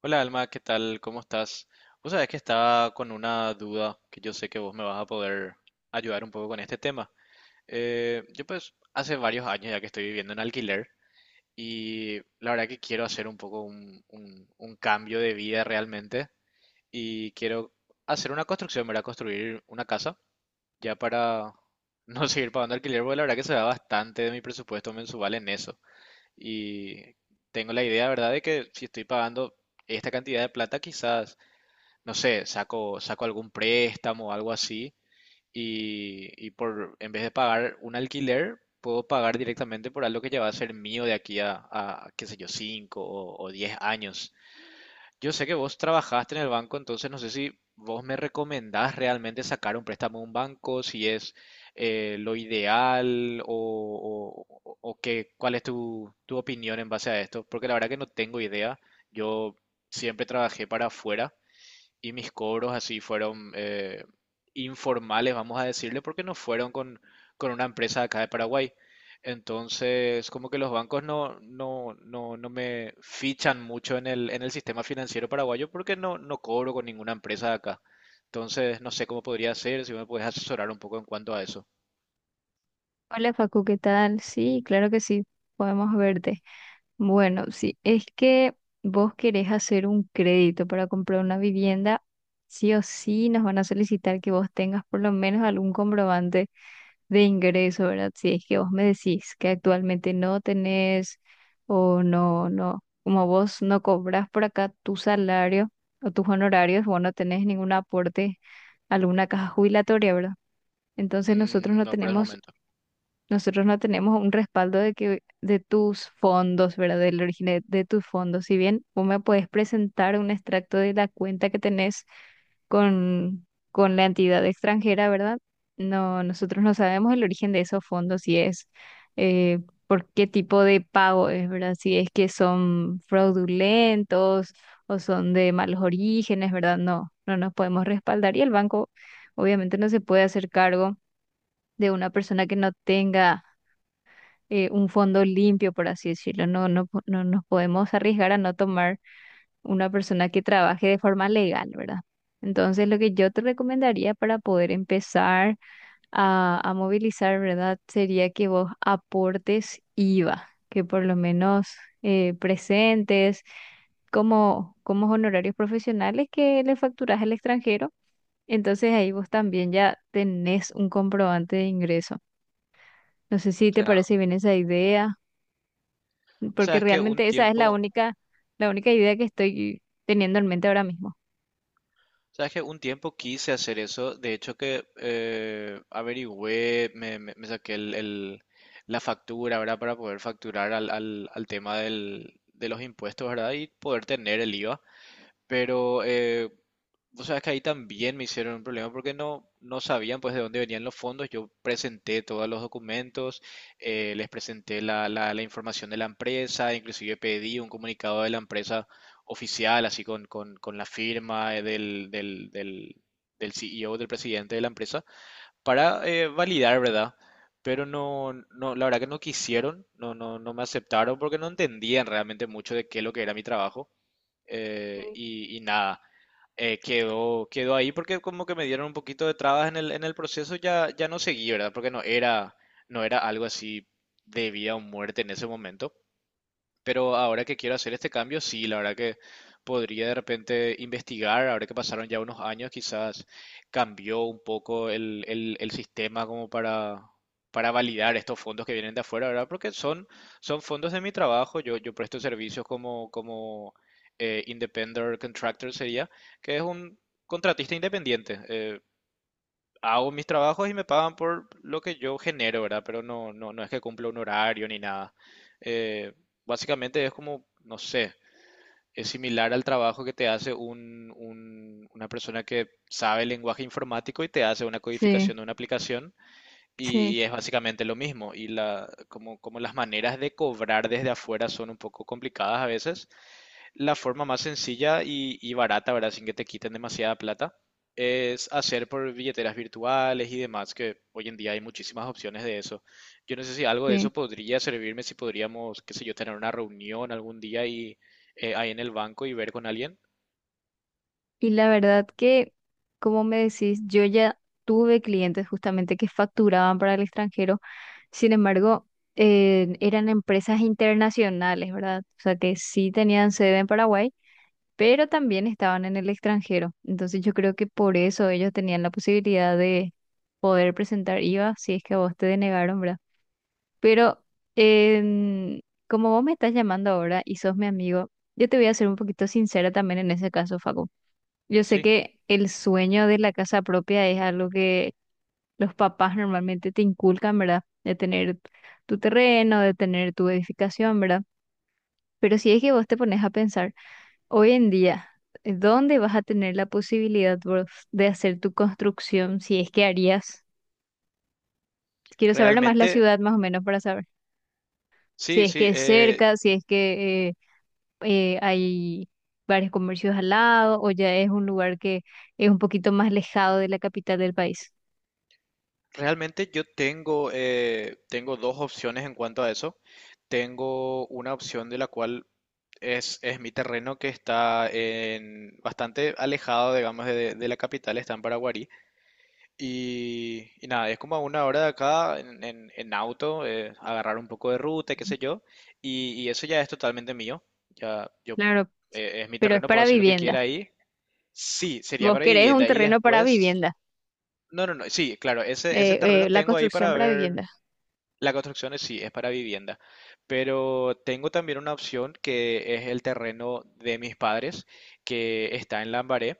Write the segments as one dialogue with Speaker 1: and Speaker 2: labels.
Speaker 1: Hola Alma, ¿qué tal? ¿Cómo estás? Vos sabés que estaba con una duda que yo sé que vos me vas a poder ayudar un poco con este tema. Yo pues hace varios años ya que estoy viviendo en alquiler y la verdad que quiero hacer un poco un cambio de vida realmente y quiero hacer una construcción, ¿verdad? Construir una casa ya para no seguir pagando alquiler, porque la verdad que se va bastante de mi presupuesto mensual en eso. Y tengo la idea, ¿verdad? De que si estoy pagando esta cantidad de plata, quizás no sé, saco algún préstamo o algo así y, en vez de pagar un alquiler, puedo pagar directamente por algo que ya va a ser mío de aquí a qué sé yo, 5 o 10 años. Yo sé que vos trabajaste en el banco, entonces no sé si vos me recomendás realmente sacar un préstamo a un banco, si es lo ideal o qué, cuál es tu, tu opinión en base a esto, porque la verdad que no tengo idea. Yo siempre trabajé para afuera y mis cobros así fueron informales, vamos a decirle, porque no fueron con una empresa de acá de Paraguay. Entonces, como que los bancos no me fichan mucho en en el sistema financiero paraguayo porque no, no cobro con ninguna empresa de acá. Entonces, no sé cómo podría ser, si me puedes asesorar un poco en cuanto a eso.
Speaker 2: Hola Facu, ¿qué tal? Sí, claro que sí, podemos verte. Bueno, sí, es que vos querés hacer un crédito para comprar una vivienda, sí o sí nos van a solicitar que vos tengas por lo menos algún comprobante de ingreso, ¿verdad? Si es que vos me decís que actualmente no tenés o no, no, como vos no cobras por acá tu salario o tus honorarios, vos no tenés ningún aporte a alguna caja jubilatoria, ¿verdad? Entonces nosotros
Speaker 1: Mm,
Speaker 2: no
Speaker 1: no, por el
Speaker 2: tenemos
Speaker 1: momento.
Speaker 2: nosotros no tenemos un respaldo de que de tus fondos, ¿verdad? Del origen de tus fondos. Si bien vos me puedes presentar un extracto de la cuenta que tenés con, con la entidad extranjera, ¿verdad? No, nosotros no sabemos el origen de esos fondos, si es eh, por qué tipo de pago es, ¿verdad? Si es que son fraudulentos o son de malos orígenes, ¿verdad? No, no nos podemos respaldar y el banco obviamente no se puede hacer cargo de una persona que no tenga un fondo limpio, por así decirlo. No, no, no nos podemos arriesgar a no tomar una persona que trabaje de forma legal, ¿verdad? Entonces, lo que yo te recomendaría para poder empezar a movilizar, ¿verdad? Sería que vos aportes IVA, que por lo menos presentes como, como honorarios profesionales que le facturas al extranjero. Entonces ahí vos también ya tenés un comprobante de ingreso. No sé si te
Speaker 1: Ya.
Speaker 2: parece bien esa idea.
Speaker 1: O sea,
Speaker 2: Porque
Speaker 1: es que un
Speaker 2: realmente esa es
Speaker 1: tiempo.
Speaker 2: la única idea que estoy teniendo en mente ahora mismo.
Speaker 1: Sabes que un tiempo quise hacer eso, de hecho que averigüé, me saqué la factura, ¿verdad? Para poder facturar al tema de los impuestos, ¿verdad? Y poder tener el IVA. Pero o sea, es que ahí también me hicieron un problema porque no, no sabían pues de dónde venían los fondos. Yo presenté todos los documentos, les presenté la información de la empresa, inclusive pedí un comunicado de la empresa oficial, así con la firma del CEO, del presidente de la empresa, para validar, ¿verdad? Pero no, no, la verdad que no quisieron, no me aceptaron porque no entendían realmente mucho de qué es lo que era mi trabajo
Speaker 2: Sí.
Speaker 1: y nada, quedó ahí porque como que me dieron un poquito de trabas en en el proceso, ya no seguí, ¿verdad? Porque no era, no era algo así de vida o muerte en ese momento. Pero ahora que quiero hacer este cambio, sí, la verdad que podría de repente investigar, ahora que pasaron ya unos años, quizás cambió un poco el sistema como para validar estos fondos que vienen de afuera, ¿verdad? Porque son, son fondos de mi trabajo, yo presto servicios como independent contractor sería, que es un contratista independiente. Hago mis trabajos y me pagan por lo que yo genero, ¿verdad? Pero no es que cumpla un horario ni nada. Eh, Básicamente es como, no sé, es similar al trabajo que te hace una persona que sabe el lenguaje informático y te hace una
Speaker 2: Sí,
Speaker 1: codificación de una aplicación y
Speaker 2: sí,
Speaker 1: es básicamente lo mismo. Y la, como, como las maneras de cobrar desde afuera son un poco complicadas a veces la forma más sencilla y barata, ¿verdad? Sin que te quiten demasiada plata, es hacer por billeteras virtuales y demás, que hoy en día hay muchísimas opciones de eso. Yo no sé si algo de
Speaker 2: sí.
Speaker 1: eso podría servirme, si podríamos, qué sé yo, tener una reunión algún día y ahí en el banco y ver con alguien.
Speaker 2: Y la verdad que, como me decís, yo ya tuve clientes justamente que facturaban para el extranjero, sin embargo, eran empresas internacionales, ¿verdad? O sea, que sí tenían sede en Paraguay, pero también estaban en el extranjero. Entonces yo creo que por eso ellos tenían la posibilidad de poder presentar IVA si es que a vos te denegaron, ¿verdad? Pero em, como vos me estás llamando ahora y sos mi amigo, yo te voy a ser un poquito sincera también en ese caso, Facu. Yo sé
Speaker 1: Sí,
Speaker 2: que el sueño de la casa propia es algo que los papás normalmente te inculcan, ¿verdad? De tener tu terreno, de tener tu edificación, ¿verdad? Pero si es que vos te pones a pensar, hoy en día, ¿dónde vas a tener la posibilidad vos de hacer tu construcción si es que harías? Quiero saber nomás la
Speaker 1: realmente,
Speaker 2: ciudad más o menos para saber. Si
Speaker 1: sí,
Speaker 2: es que
Speaker 1: sí,
Speaker 2: es cerca, si es que... hay varios comercios al lado o ya es un lugar que es un poquito más alejado de la capital del país.
Speaker 1: realmente yo tengo, tengo dos opciones en cuanto a eso. Tengo una opción de la cual es mi terreno que está en, bastante alejado, digamos, de la capital, está en Paraguarí. Y nada, es como a una hora de acá en, en auto, agarrar un poco de ruta, y qué sé yo. Y eso ya es totalmente mío. Ya yo,
Speaker 2: Claro,
Speaker 1: es mi
Speaker 2: pero es
Speaker 1: terreno, puedo
Speaker 2: para
Speaker 1: hacer lo que quiera
Speaker 2: vivienda.
Speaker 1: ahí. Sí, sería
Speaker 2: Vos
Speaker 1: para
Speaker 2: querés un
Speaker 1: vivienda. Y
Speaker 2: terreno para
Speaker 1: después,
Speaker 2: vivienda,
Speaker 1: no, no, no, sí, claro, ese terreno
Speaker 2: la
Speaker 1: tengo ahí
Speaker 2: construcción
Speaker 1: para
Speaker 2: para
Speaker 1: ver,
Speaker 2: vivienda.
Speaker 1: la construcción es- sí es para vivienda, pero tengo también una opción que es el terreno de mis padres que está en Lambaré.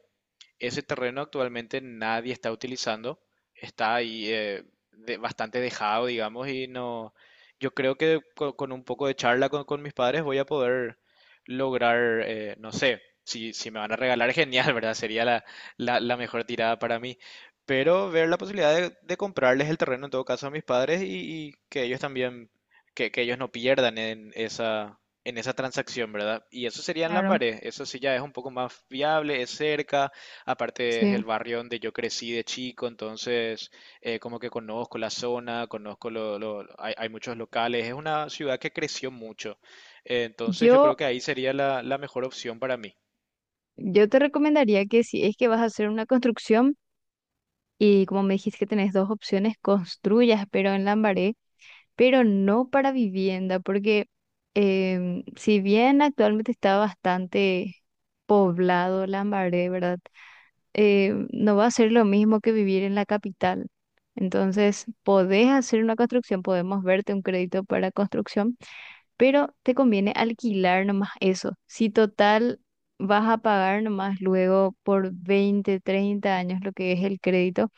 Speaker 1: Ese terreno actualmente nadie está utilizando, está ahí de- bastante dejado, digamos, y no, yo creo que co- con, un poco de charla con mis padres voy a poder lograr, no sé, si, si me van a regalar, genial, ¿verdad? Sería la mejor tirada para mí, pero ver la posibilidad de comprarles el terreno en todo caso a mis padres y que ellos también, que ellos no pierdan en esa transacción, ¿verdad? Y eso sería en
Speaker 2: Claro,
Speaker 1: Lambaré, eso sí ya es un poco más viable, es cerca. Aparte es el
Speaker 2: sí.
Speaker 1: barrio donde yo crecí de chico, entonces como que conozco la zona, conozco hay, hay muchos locales, es una ciudad que creció mucho. Entonces yo creo
Speaker 2: Yo,
Speaker 1: que ahí sería la mejor opción para mí.
Speaker 2: yo te recomendaría que si es que vas a hacer una construcción y como me dijiste que tenés dos opciones, construyas, pero en Lambaré, pero no para vivienda, porque si bien actualmente está bastante poblado Lambaré, ¿verdad? No va a ser lo mismo que vivir en la capital. Entonces, podés hacer una construcción, podemos verte un crédito para construcción, pero te conviene alquilar nomás eso. Si total vas a pagar nomás luego por 20 30 años lo que es el crédito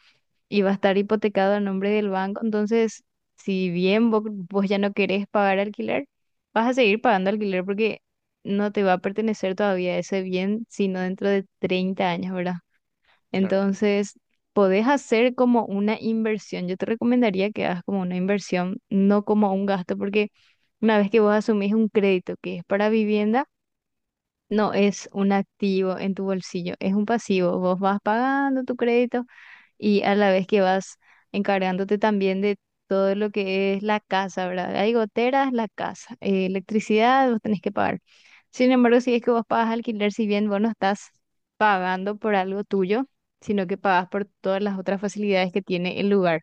Speaker 2: y va a estar hipotecado a nombre del banco. Entonces, si bien vos, ya no querés pagar alquiler, vas a seguir pagando alquiler porque no te va a pertenecer todavía ese bien, sino dentro de 30 años, ¿verdad?
Speaker 1: Claro,
Speaker 2: Entonces, podés hacer como una inversión. Yo te recomendaría que hagas como una inversión, no como un gasto, porque una vez que vos asumís un crédito que es para vivienda, no es un activo en tu bolsillo, es un pasivo. Vos vas pagando tu crédito y a la vez que vas encargándote también de todo lo que es la casa, ¿verdad? Hay goteras, la casa, electricidad, vos tenés que pagar. Sin embargo, si es que vos pagas alquiler, si bien vos no estás pagando por algo tuyo, sino que pagas por todas las otras facilidades que tiene el lugar.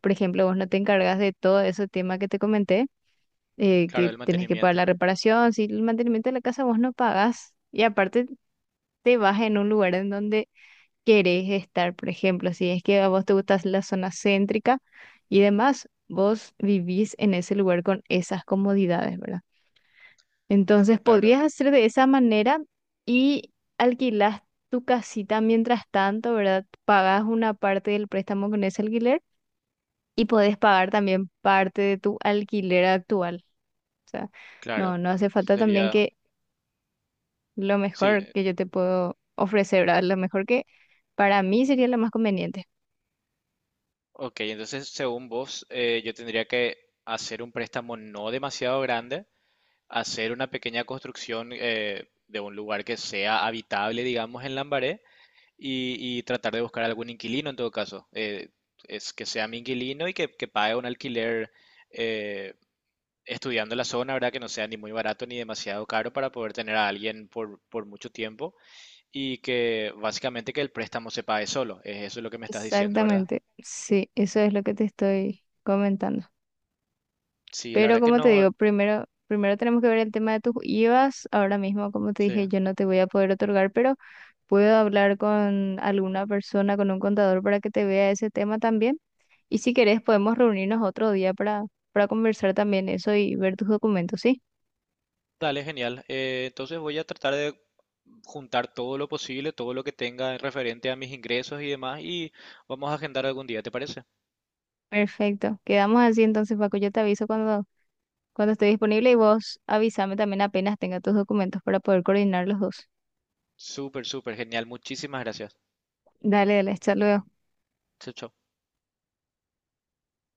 Speaker 2: Por ejemplo, vos no te encargas de todo ese tema que te comenté, que
Speaker 1: claro, el
Speaker 2: tenés que pagar
Speaker 1: mantenimiento.
Speaker 2: la reparación, si el mantenimiento de la casa vos no pagás. Y aparte te vas en un lugar en donde querés estar, por ejemplo, si es que a vos te gusta la zona céntrica y demás, vos vivís en ese lugar con esas comodidades, ¿verdad? Entonces
Speaker 1: Claro,
Speaker 2: podrías hacer de esa manera y alquilás tu casita mientras tanto, ¿verdad? Pagás una parte del préstamo con ese alquiler y podés pagar también parte de tu alquiler actual. O sea,
Speaker 1: claro,
Speaker 2: no, no hace
Speaker 1: eso
Speaker 2: falta también
Speaker 1: sería...
Speaker 2: que lo
Speaker 1: Sí,
Speaker 2: mejor que yo te puedo ofrecer, ¿verdad? Lo mejor que para mí sería lo más conveniente.
Speaker 1: ok, entonces según vos, yo tendría que hacer un préstamo no demasiado grande, hacer una pequeña construcción de un lugar que sea habitable, digamos, en Lambaré. Y tratar de buscar algún inquilino en todo caso. Es que sea mi inquilino y que pague un alquiler eh, estudiando la zona, ¿verdad? Que no sea ni muy barato ni demasiado caro para poder tener a alguien por mucho tiempo y que básicamente que el préstamo se pague solo. Es eso es lo que me estás diciendo, ¿verdad?
Speaker 2: Exactamente, sí, eso es lo que te estoy comentando.
Speaker 1: Sí, la
Speaker 2: Pero
Speaker 1: verdad que
Speaker 2: como te
Speaker 1: no.
Speaker 2: digo, primero, primero tenemos que ver el tema de tus IVAs. Ahora mismo, como te
Speaker 1: Sí.
Speaker 2: dije, yo no te voy a poder otorgar, pero puedo hablar con alguna persona, con un contador para que te vea ese tema también. Y si querés, podemos reunirnos otro día para conversar también eso y ver tus documentos, ¿sí?
Speaker 1: Dale, genial. Entonces voy a tratar de juntar todo lo posible, todo lo que tenga referente a mis ingresos y demás y vamos a agendar algún día, ¿te parece?
Speaker 2: Perfecto. Quedamos así entonces, Paco. Yo te aviso cuando, cuando esté disponible y vos avísame también apenas tenga tus documentos para poder coordinar los dos.
Speaker 1: Súper, súper genial. Muchísimas gracias.
Speaker 2: Dale, dale, hasta luego.
Speaker 1: Chau, chau.